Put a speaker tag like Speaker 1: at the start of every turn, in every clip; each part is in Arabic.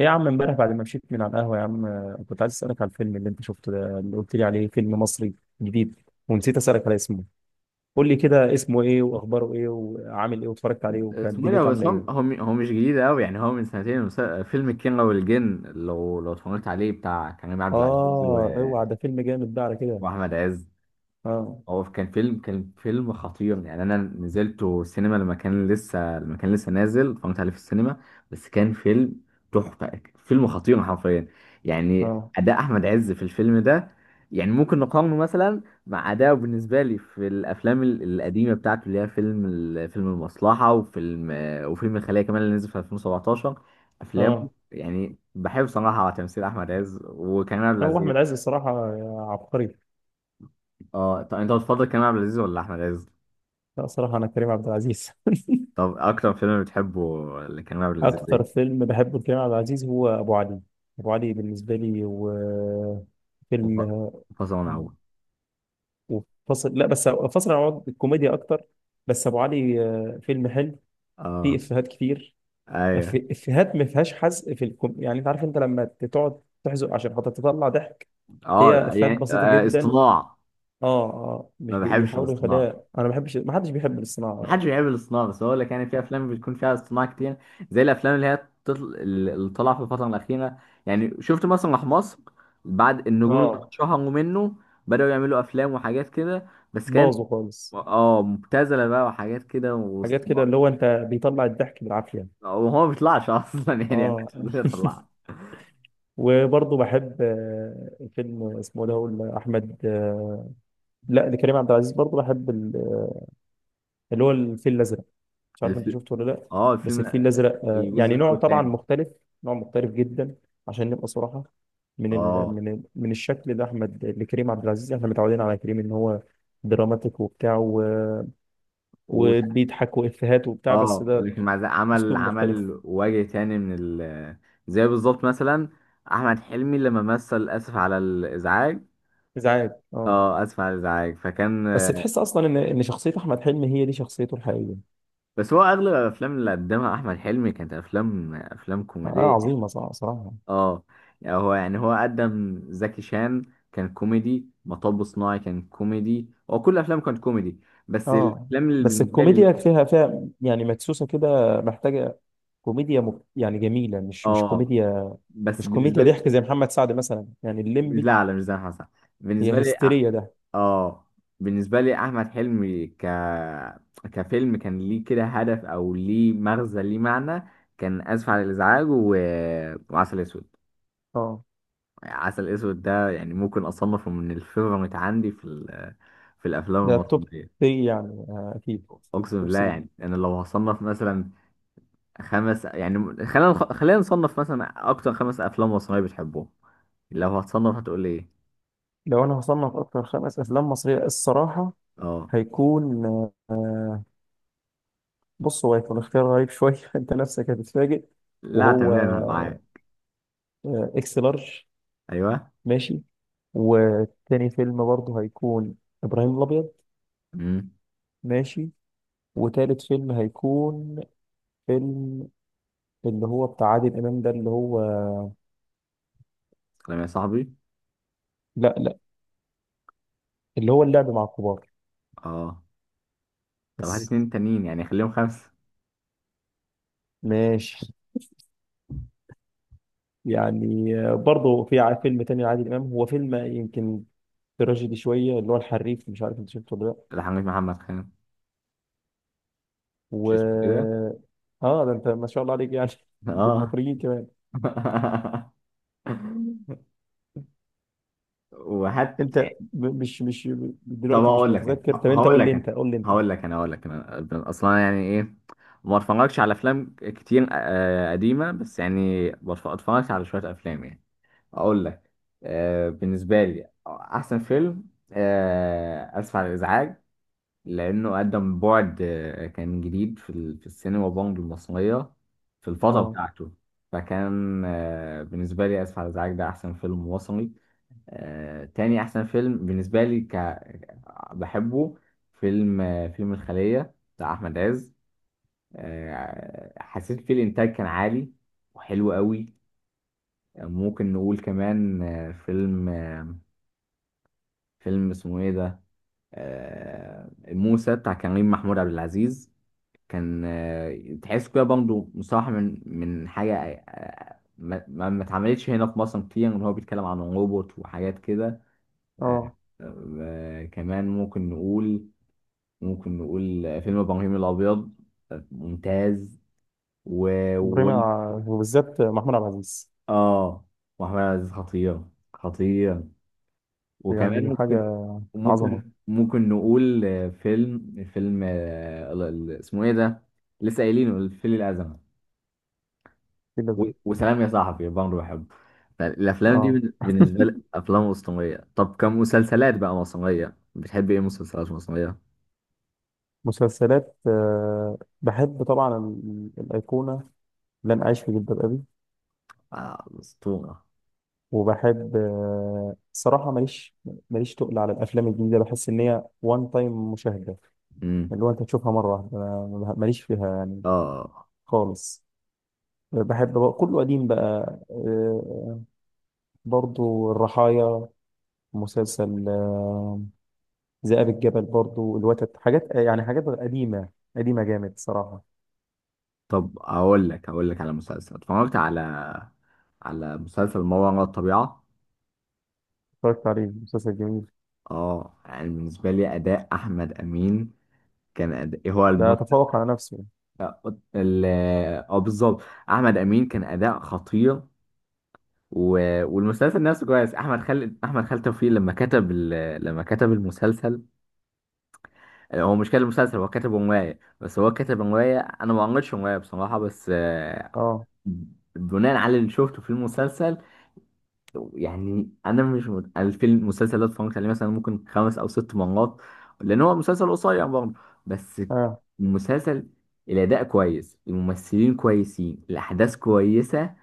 Speaker 1: ايه يا عم، امبارح بعد ما مشيت من على القهوة يا عم، كنت عايز اسألك على الفيلم اللي انت شفته ده اللي قلت لي عليه. فيلم مصري جديد، ونسيت اسألك على اسمه. قول لي كده اسمه ايه واخباره ايه وعامل ايه، واتفرجت عليه وكانت
Speaker 2: اسمه ايه ده؟
Speaker 1: دنيته
Speaker 2: بس
Speaker 1: عاملة
Speaker 2: هو هو
Speaker 1: ايه؟
Speaker 2: م- هو مش جديد قوي، يعني هو من سنتين. فيلم الكينج والجن، لو اتفرجت عليه، بتاع كريم عبد العزيز
Speaker 1: اه، اوعى ده فيلم جامد ده على كده.
Speaker 2: واحمد عز.
Speaker 1: اه.
Speaker 2: هو كان فيلم خطير، يعني انا نزلته سينما لما كان لسه نازل، اتفرجت عليه في السينما. بس كان فيلم تحفه، فيلم خطير حرفيا. يعني
Speaker 1: اه.
Speaker 2: اداء احمد عز في الفيلم ده، يعني ممكن نقارنه مثلا مع اداءه بالنسبه لي في الافلام القديمه بتاعته، اللي هي فيلم فيلم المصلحه، وفيلم الخليه كمان اللي نزل في 2017. افلام
Speaker 1: اه.
Speaker 2: يعني بحب صراحه تمثيل احمد عز وكريم عبد
Speaker 1: هو احمد
Speaker 2: العزيز.
Speaker 1: عز الصراحة عبقري.
Speaker 2: اه، طب انت بتفضل كريم عبد العزيز ولا احمد عز؟
Speaker 1: لا، صراحة انا كريم عبد العزيز.
Speaker 2: طب اكتر فيلم بتحبه اللي كان معمول لذيذ ايه؟
Speaker 1: اكتر فيلم بحبه لكريم عبد العزيز هو ابو علي. ابو علي بالنسبة لي، وفيلم
Speaker 2: وف- فصل ونعود.
Speaker 1: وفصل. لا، بس فصل عن بعض الكوميديا اكتر. بس ابو علي فيلم حلو. فيه
Speaker 2: اه،
Speaker 1: افيهات كتير.
Speaker 2: ايوه،
Speaker 1: افيهات ما فيهاش حزق في الكم. يعني انت عارف، انت لما تقعد تحزق عشان خاطر تطلع ضحك. هي
Speaker 2: اه،
Speaker 1: افيهات
Speaker 2: يعني
Speaker 1: بسيطه جدا.
Speaker 2: اصطناع.
Speaker 1: اه، اه، مش
Speaker 2: ما
Speaker 1: بي-
Speaker 2: بحبش
Speaker 1: بيحاولوا يخليها.
Speaker 2: الاصطناع.
Speaker 1: انا ما بحبش، ما حدش بيحب
Speaker 2: ما
Speaker 1: الصناعه.
Speaker 2: حدش بيحب الاصطناع، بس هو لك يعني في افلام بتكون فيها اصطناع كتير، زي الافلام اللي هي اللي طالعه في الفتره الاخيره. يعني شفت مسرح مصر؟ بعد النجوم اللي
Speaker 1: اه.
Speaker 2: اتشهروا منه بداوا يعملوا افلام وحاجات كده، بس كانت،
Speaker 1: باظوا خالص.
Speaker 2: اه، مبتذله بقى وحاجات كده
Speaker 1: حاجات كده
Speaker 2: واصطناع.
Speaker 1: اللي هو انت بيطلع الضحك بالعافيه.
Speaker 2: وهو ما بيطلعش اصلا، يعني
Speaker 1: اه.
Speaker 2: ما بيطلعش.
Speaker 1: وبرضه بحب فيلم اسمه ده هو احمد لا، لكريم عبد العزيز برضه بحب اللي هو الفيل الازرق. مش عارف انت شفته ولا لا.
Speaker 2: اه
Speaker 1: بس
Speaker 2: الفيلم
Speaker 1: الفيل الازرق
Speaker 2: الجزء
Speaker 1: يعني
Speaker 2: الاول
Speaker 1: نوع طبعا
Speaker 2: والثاني.
Speaker 1: مختلف. نوع مختلف جدا. عشان نبقى صراحه، من ال
Speaker 2: اه،
Speaker 1: من ال من الشكل ده احمد لكريم عبد العزيز، احنا متعودين على كريم ان هو دراماتيك وبتاع
Speaker 2: و...
Speaker 1: وبيضحك وافيهات وبتاع، بس
Speaker 2: اه
Speaker 1: ده
Speaker 2: لكن مع ذلك عمل،
Speaker 1: اسلوب مختلف.
Speaker 2: وجه تاني من ال... زي بالظبط مثلا احمد حلمي لما مثل اسف على الازعاج.
Speaker 1: ازعاج، اه.
Speaker 2: اه اسف على الازعاج، فكان،
Speaker 1: بس تحس اصلا ان شخصيه احمد حلمي هي دي شخصيته الحقيقيه.
Speaker 2: بس هو اغلب الافلام اللي قدمها احمد حلمي كانت افلام،
Speaker 1: اه.
Speaker 2: كوميديه.
Speaker 1: عظيمه صراحه صراحه.
Speaker 2: اه، يعني هو قدم زكي شان، كان كوميدي، مطب صناعي كان كوميدي، هو كل افلامه كانت كوميدي. بس
Speaker 1: اه،
Speaker 2: الافلام اللي
Speaker 1: بس
Speaker 2: بالنسبه لي،
Speaker 1: الكوميديا فيها يعني مدسوسه كده، محتاجه يعني جميله، مش
Speaker 2: اه،
Speaker 1: كوميديا.
Speaker 2: بس
Speaker 1: مش
Speaker 2: بالنسبه
Speaker 1: كوميديا
Speaker 2: لي،
Speaker 1: ضحك زي محمد سعد مثلا، يعني الليمبي.
Speaker 2: لا لا مش زي حسن. بالنسبة
Speaker 1: هي
Speaker 2: لي
Speaker 1: هستيريا ده.
Speaker 2: اه بالنسبة لي أحمد حلمي كفيلم كان ليه كده هدف، أو ليه مغزى، ليه معنى. كان آسف على الإزعاج وعسل أسود.
Speaker 1: اه.
Speaker 2: عسل أسود ده يعني ممكن أصنفه من الفيفوريت عندي في في الأفلام
Speaker 1: ده توب
Speaker 2: المصرية.
Speaker 1: 3 يعني اكيد.
Speaker 2: أقسم
Speaker 1: توب
Speaker 2: بالله،
Speaker 1: 3.
Speaker 2: يعني أنا لو هصنف مثلا خمس، يعني خلينا نصنف مثلا أكتر خمس أفلام مصرية بتحبهم، لو هتصنف هتقول إيه؟
Speaker 1: لو انا هصنف اكتر خمس افلام مصريه، الصراحه
Speaker 2: اه
Speaker 1: هيكون آه، بص هو هيكون اختيار غريب شويه. انت نفسك هتتفاجئ.
Speaker 2: لا
Speaker 1: وهو
Speaker 2: تمام معاك.
Speaker 1: اكس لارج.
Speaker 2: ايوه.
Speaker 1: ماشي. وتاني فيلم برضه هيكون ابراهيم الابيض.
Speaker 2: امم.
Speaker 1: ماشي. وتالت فيلم هيكون فيلم، اللي هو بتاع عادل امام ده، اللي هو
Speaker 2: سلام يا صاحبي.
Speaker 1: لا لا، اللي هو اللعب مع الكبار.
Speaker 2: اه طب هات
Speaker 1: بس،
Speaker 2: اتنين تانيين يعني خليهم خمسه.
Speaker 1: ماشي. يعني برضه في فيلم تاني لعادل امام، هو فيلم يمكن تراجيدي شويه، اللي هو الحريف. مش عارف انت شفته ولا لا.
Speaker 2: الحاج محمد خان، مش
Speaker 1: و،
Speaker 2: اسمه كده؟
Speaker 1: اه، ده انت ما شاء الله عليك يعني
Speaker 2: اه.
Speaker 1: بالمخرجين كمان.
Speaker 2: وهات
Speaker 1: انت
Speaker 2: يعني.
Speaker 1: مش
Speaker 2: طب
Speaker 1: دلوقتي مش متذكر. طب
Speaker 2: هقول لك انا
Speaker 1: انت قول لي انت.
Speaker 2: هقول لك انا اصلا يعني ايه. ما اتفرجش على افلام كتير قديمه، بس يعني اتفرجت على شويه افلام يعني. اقول لك، بالنسبه لي احسن فيلم اسف على الازعاج، لأنه قدم بعد، كان جديد في في السينما بونج المصرية في الفترة
Speaker 1: اه.
Speaker 2: بتاعته. فكان، بالنسبة لي آسف على الإزعاج ده أحسن فيلم مصري. تاني أحسن فيلم بالنسبة لي بحبه، فيلم، فيلم الخلية بتاع أحمد عز. حسيت فيه الإنتاج كان عالي وحلو قوي. ممكن نقول كمان، فيلم، فيلم اسمه إيه ده، موسى بتاع كريم محمود عبد العزيز. كان، تحس كده برضه مصطلح من حاجة ما اتعملتش هنا في مصر كتير، إن هو بيتكلم عن روبوت وحاجات كده. آه،
Speaker 1: اه.
Speaker 2: كمان ممكن نقول، فيلم إبراهيم الأبيض، ممتاز. و، و،
Speaker 1: بريمة، وبالذات محمود عبد العزيز.
Speaker 2: آه، وأحمد عزيز خطير، خطير. وكمان
Speaker 1: يعني
Speaker 2: ممكن،
Speaker 1: حاجة عظمة.
Speaker 2: ممكن نقول، فيلم، اسمه إيه ده؟ لسه قايلينه الفيل الأزرق.
Speaker 1: في ده،
Speaker 2: وسلام يا صاحبي برضه بحبه. فالافلام دي
Speaker 1: اه.
Speaker 2: بالنسبه لي افلام وسطنيه. طب كمسلسلات بقى مصريه بتحب ايه، مسلسلات مصريه؟
Speaker 1: مسلسلات، آه بحب طبعا الأيقونة، لن أعيش في جلباب أبي.
Speaker 2: آه اسطوره.
Speaker 1: وبحب صراحة ماليش، تقل على الأفلام الجديدة. بحس إن هي وان تايم مشاهدة،
Speaker 2: امم.
Speaker 1: اللي هو أنت تشوفها مرة واحدة. أنا ماليش فيها يعني
Speaker 2: اه
Speaker 1: خالص. بحب بقى كله قديم بقى، برضو الرحايا. مسلسل ذئاب الجبل. برضو الوتد. حاجات يعني حاجات قديمة قديمة جامد صراحة.
Speaker 2: طب اقول لك على مسلسل، اتفرجت على، على مسلسل ما وراء الطبيعه.
Speaker 1: اتفرجت عليه مسلسل جميل.
Speaker 2: اه يعني بالنسبه لي اداء احمد امين كان أداء هو
Speaker 1: لا،
Speaker 2: الم...
Speaker 1: تفوق على نفسه.
Speaker 2: ال اه بالظبط، احمد امين كان اداء خطير. و... والمسلسل نفسه كويس. احمد خالد توفيق لما كتب لما كتب المسلسل. هو مش كتب مسلسل، هو كتب روايه، بس هو كتب روايه انا ما قريتش روايه بصراحه، بس
Speaker 1: اه.
Speaker 2: بناء على اللي شفته في المسلسل. يعني انا مش مت... أنا في المسلسل ده اتفرجت عليه مثلا ممكن خمس او ست مرات، لان هو مسلسل قصير برضه. بس
Speaker 1: اه.
Speaker 2: المسلسل الاداء كويس، الممثلين كويسين، الاحداث كويسه،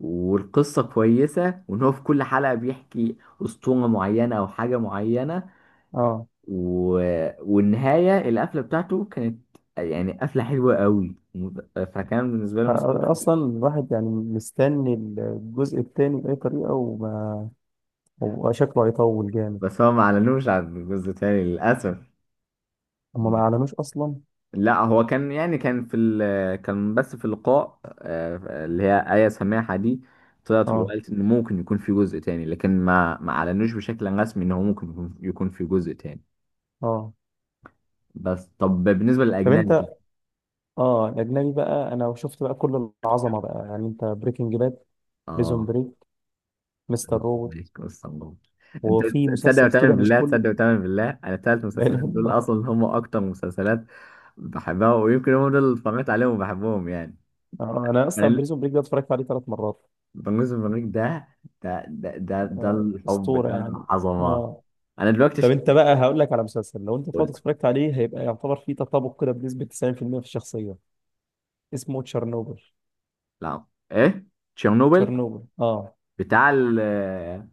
Speaker 2: والقصة كويسة، وإن هو في كل حلقة بيحكي أسطورة معينة أو حاجة معينة.
Speaker 1: اه.
Speaker 2: و... والنهاية القفلة بتاعته كانت يعني قفلة حلوة قوي، فكان بالنسبة لي مسلسل.
Speaker 1: اصلا الواحد يعني مستني الجزء الثاني باي طريقه. هو شكله هيطول جامد.
Speaker 2: بس هو ما أعلنوش عن جزء تاني للأسف.
Speaker 1: هما ما اعلنوش اصلا.
Speaker 2: لا هو كان يعني كان في كان بس في اللقاء اللي هي آية سماحة دي طلعت
Speaker 1: اه.
Speaker 2: وقالت إن ممكن يكون في جزء تاني، لكن ما أعلنوش بشكل رسمي إن هو ممكن يكون في جزء تاني.
Speaker 1: اه.
Speaker 2: بس طب بالنسبة
Speaker 1: طب انت.
Speaker 2: للأجنبي،
Speaker 1: اه، الاجنبي بقى انا شفت بقى كل العظمه بقى، يعني انت بريكنج باد، بريزون
Speaker 2: اه
Speaker 1: بريك، مستر روبوت.
Speaker 2: عليك بص الله. انت،
Speaker 1: وفي
Speaker 2: تصدق
Speaker 1: مسلسل
Speaker 2: وتعمل
Speaker 1: كده مش
Speaker 2: بالله،
Speaker 1: كل.
Speaker 2: انا الثلاث
Speaker 1: لا اله
Speaker 2: مسلسلات
Speaker 1: الا
Speaker 2: دول
Speaker 1: الله.
Speaker 2: اصلا هم اكتر مسلسلات بحبها، ويمكن هم دول اللي اتفرجت عليهم وبحبهم يعني.
Speaker 1: آه، انا اصلا
Speaker 2: انا
Speaker 1: بريزون بريك ده اتفرجت عليه ثلاث مرات.
Speaker 2: بنجوز البريك ده، ده
Speaker 1: آه،
Speaker 2: الحب،
Speaker 1: اسطوره
Speaker 2: ده
Speaker 1: يعني.
Speaker 2: العظمه.
Speaker 1: اه،
Speaker 2: انا دلوقتي
Speaker 1: طب انت بقى هقول لك على مسلسل، لو انت طلعت
Speaker 2: قول.
Speaker 1: اتفرجت عليه هيبقى يعتبر فيه تطابق كده بنسبه 90% في المية في الشخصيه. اسمه تشيرنوبل.
Speaker 2: لا ايه، تشيرنوبل؟
Speaker 1: تشيرنوبل، اه.
Speaker 2: بتاع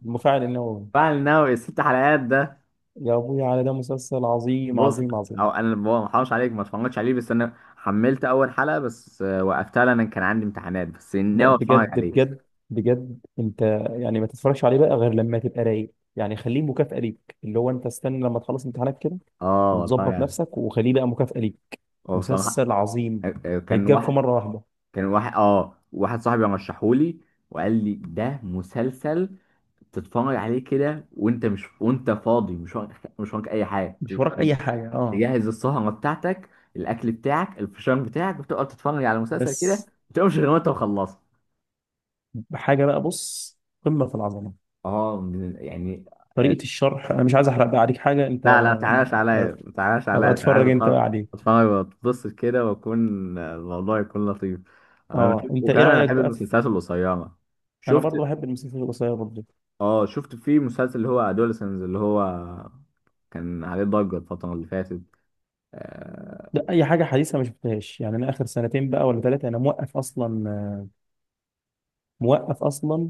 Speaker 1: المفاعل النووي.
Speaker 2: بتاع النووي، الست حلقات ده؟
Speaker 1: يا ابويا على ده، مسلسل عظيم
Speaker 2: بص،
Speaker 1: عظيم
Speaker 2: هو
Speaker 1: عظيم.
Speaker 2: انا ما حرمش عليك، ما اتفرجتش عليه، بس انا حملت اول حلقه بس، وقفتها لان كان عندي امتحانات، بس
Speaker 1: لا،
Speaker 2: ناوي اتفرج
Speaker 1: بجد
Speaker 2: عليه.
Speaker 1: بجد بجد. انت يعني ما تتفرجش عليه بقى غير لما تبقى رايق. يعني خليه مكافأة ليك، اللي هو انت استنى لما تخلص امتحانات كده،
Speaker 2: اه اتفرج
Speaker 1: وتظبط
Speaker 2: عليه.
Speaker 1: نفسك وخليه بقى مكافأة ليك.
Speaker 2: هو بصراحه،
Speaker 1: مسلسل عظيم.
Speaker 2: كان
Speaker 1: هيتجاب في
Speaker 2: واحد،
Speaker 1: مرة واحدة.
Speaker 2: واحد صاحبي رشحهولي وقال لي ده مسلسل تتفرج عليه كده، وانت فاضي، مش وراك، مش وراك اي حاجه.
Speaker 1: مش وراك اي حاجة، اه،
Speaker 2: تجهز السهره بتاعتك، الاكل بتاعك، الفشار بتاعك، وتقعد تتفرج على مسلسل كده ما
Speaker 1: بس.
Speaker 2: تقومش غير وانت مخلصه.
Speaker 1: بحاجة بقى، بص، قمة في العظمة.
Speaker 2: يعني آه،
Speaker 1: طريقة الشرح، انا مش عايز احرق بقى عليك حاجة. انت
Speaker 2: لا لا تعاش
Speaker 1: ما-
Speaker 2: عليا، ما تعاش عليا،
Speaker 1: ابقى
Speaker 2: عشان عايز
Speaker 1: اتفرج انت بقى عليه.
Speaker 2: اتفرج واتبسط كده، واكون الموضوع يكون لطيف. انا
Speaker 1: اه،
Speaker 2: بشوف،
Speaker 1: انت ايه
Speaker 2: وكمان انا
Speaker 1: رأيك
Speaker 2: بحب
Speaker 1: بقى في؟
Speaker 2: المسلسلات القصيره.
Speaker 1: انا
Speaker 2: شفت،
Speaker 1: برضو بحب المسلسلات القصيرة برضو.
Speaker 2: اه شفت في مسلسل اللي هو ادولسنز، اللي هو كان عليه ضجه الفتره اللي فاتت؟ اه.
Speaker 1: ده اي حاجه حديثه ما شفتهاش، يعني انا اخر سنتين بقى ولا ثلاثه انا موقف اصلا، موقف اصلا.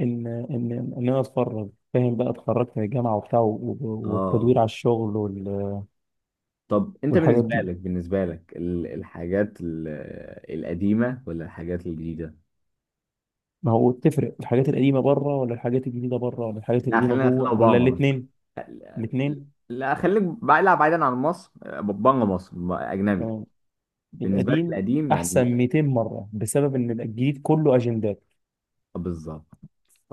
Speaker 1: ان ان ان انا اتفرج، فاهم بقى، اتخرجت من الجامعه وبتاع
Speaker 2: آه.
Speaker 1: والتدوير على الشغل
Speaker 2: طب انت
Speaker 1: والحاجات
Speaker 2: بالنسبه
Speaker 1: دي.
Speaker 2: لك بالنسبه لك الحاجات القديمه ولا الحاجات الجديده؟
Speaker 1: ما هو تفرق، الحاجات القديمه بره ولا الحاجات الجديده بره ولا الحاجات
Speaker 2: لا
Speaker 1: القديمه
Speaker 2: خلينا،
Speaker 1: جوه ولا
Speaker 2: اوباما مثلا.
Speaker 1: الاثنين؟ الاثنين.
Speaker 2: لا خليك بعيد، لا، بعيدا عن مصر، بره مصر، اجنبي.
Speaker 1: تمام.
Speaker 2: بالنسبة لك
Speaker 1: القديم
Speaker 2: القديم
Speaker 1: احسن
Speaker 2: يعني؟
Speaker 1: 200 مره، بسبب ان الجديد كله اجندات،
Speaker 2: بالظبط،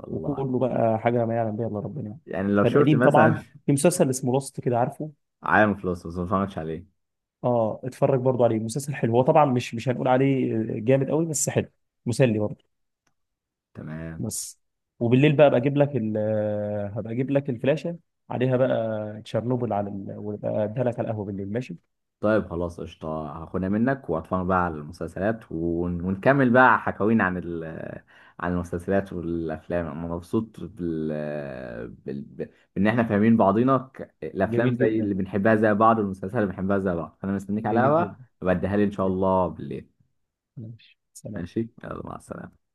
Speaker 2: الله.
Speaker 1: وكله بقى حاجه ما يعلم بها الا ربنا يعني.
Speaker 2: يعني لو شفت
Speaker 1: فالقديم
Speaker 2: مثلا،
Speaker 1: طبعا في مسلسل اسمه لوست كده، عارفه؟
Speaker 2: عالم فلوس، بس ما اتفرجتش عليه.
Speaker 1: اه، اتفرج برضو عليه. مسلسل حلو، هو طبعا مش هنقول عليه جامد قوي بس حلو. مسلي برضو.
Speaker 2: تمام.
Speaker 1: بس وبالليل بقى ابقى اجيب لك هبقى اجيب لك الفلاشه، عليها بقى تشيرنوبل على وابقى اديها لك على القهوه بالليل، ماشي.
Speaker 2: طيب خلاص قشطة، هاخدها منك واتفرج بقى على المسلسلات، ونكمل بقى حكاوينا عن عن المسلسلات والأفلام. أنا مبسوط بال... ب- بإن إحنا فاهمين بعضينا، الأفلام
Speaker 1: جميل
Speaker 2: زي اللي
Speaker 1: جدا،
Speaker 2: بنحبها زي بعض، والمسلسلات اللي بنحبها زي بعض. أنا مستنيك على
Speaker 1: جميل
Speaker 2: القهوة
Speaker 1: جدا،
Speaker 2: وبديها لي إن شاء
Speaker 1: جميل.
Speaker 2: الله بالليل.
Speaker 1: ماشي، سلام.
Speaker 2: ماشي يلا مع السلامة.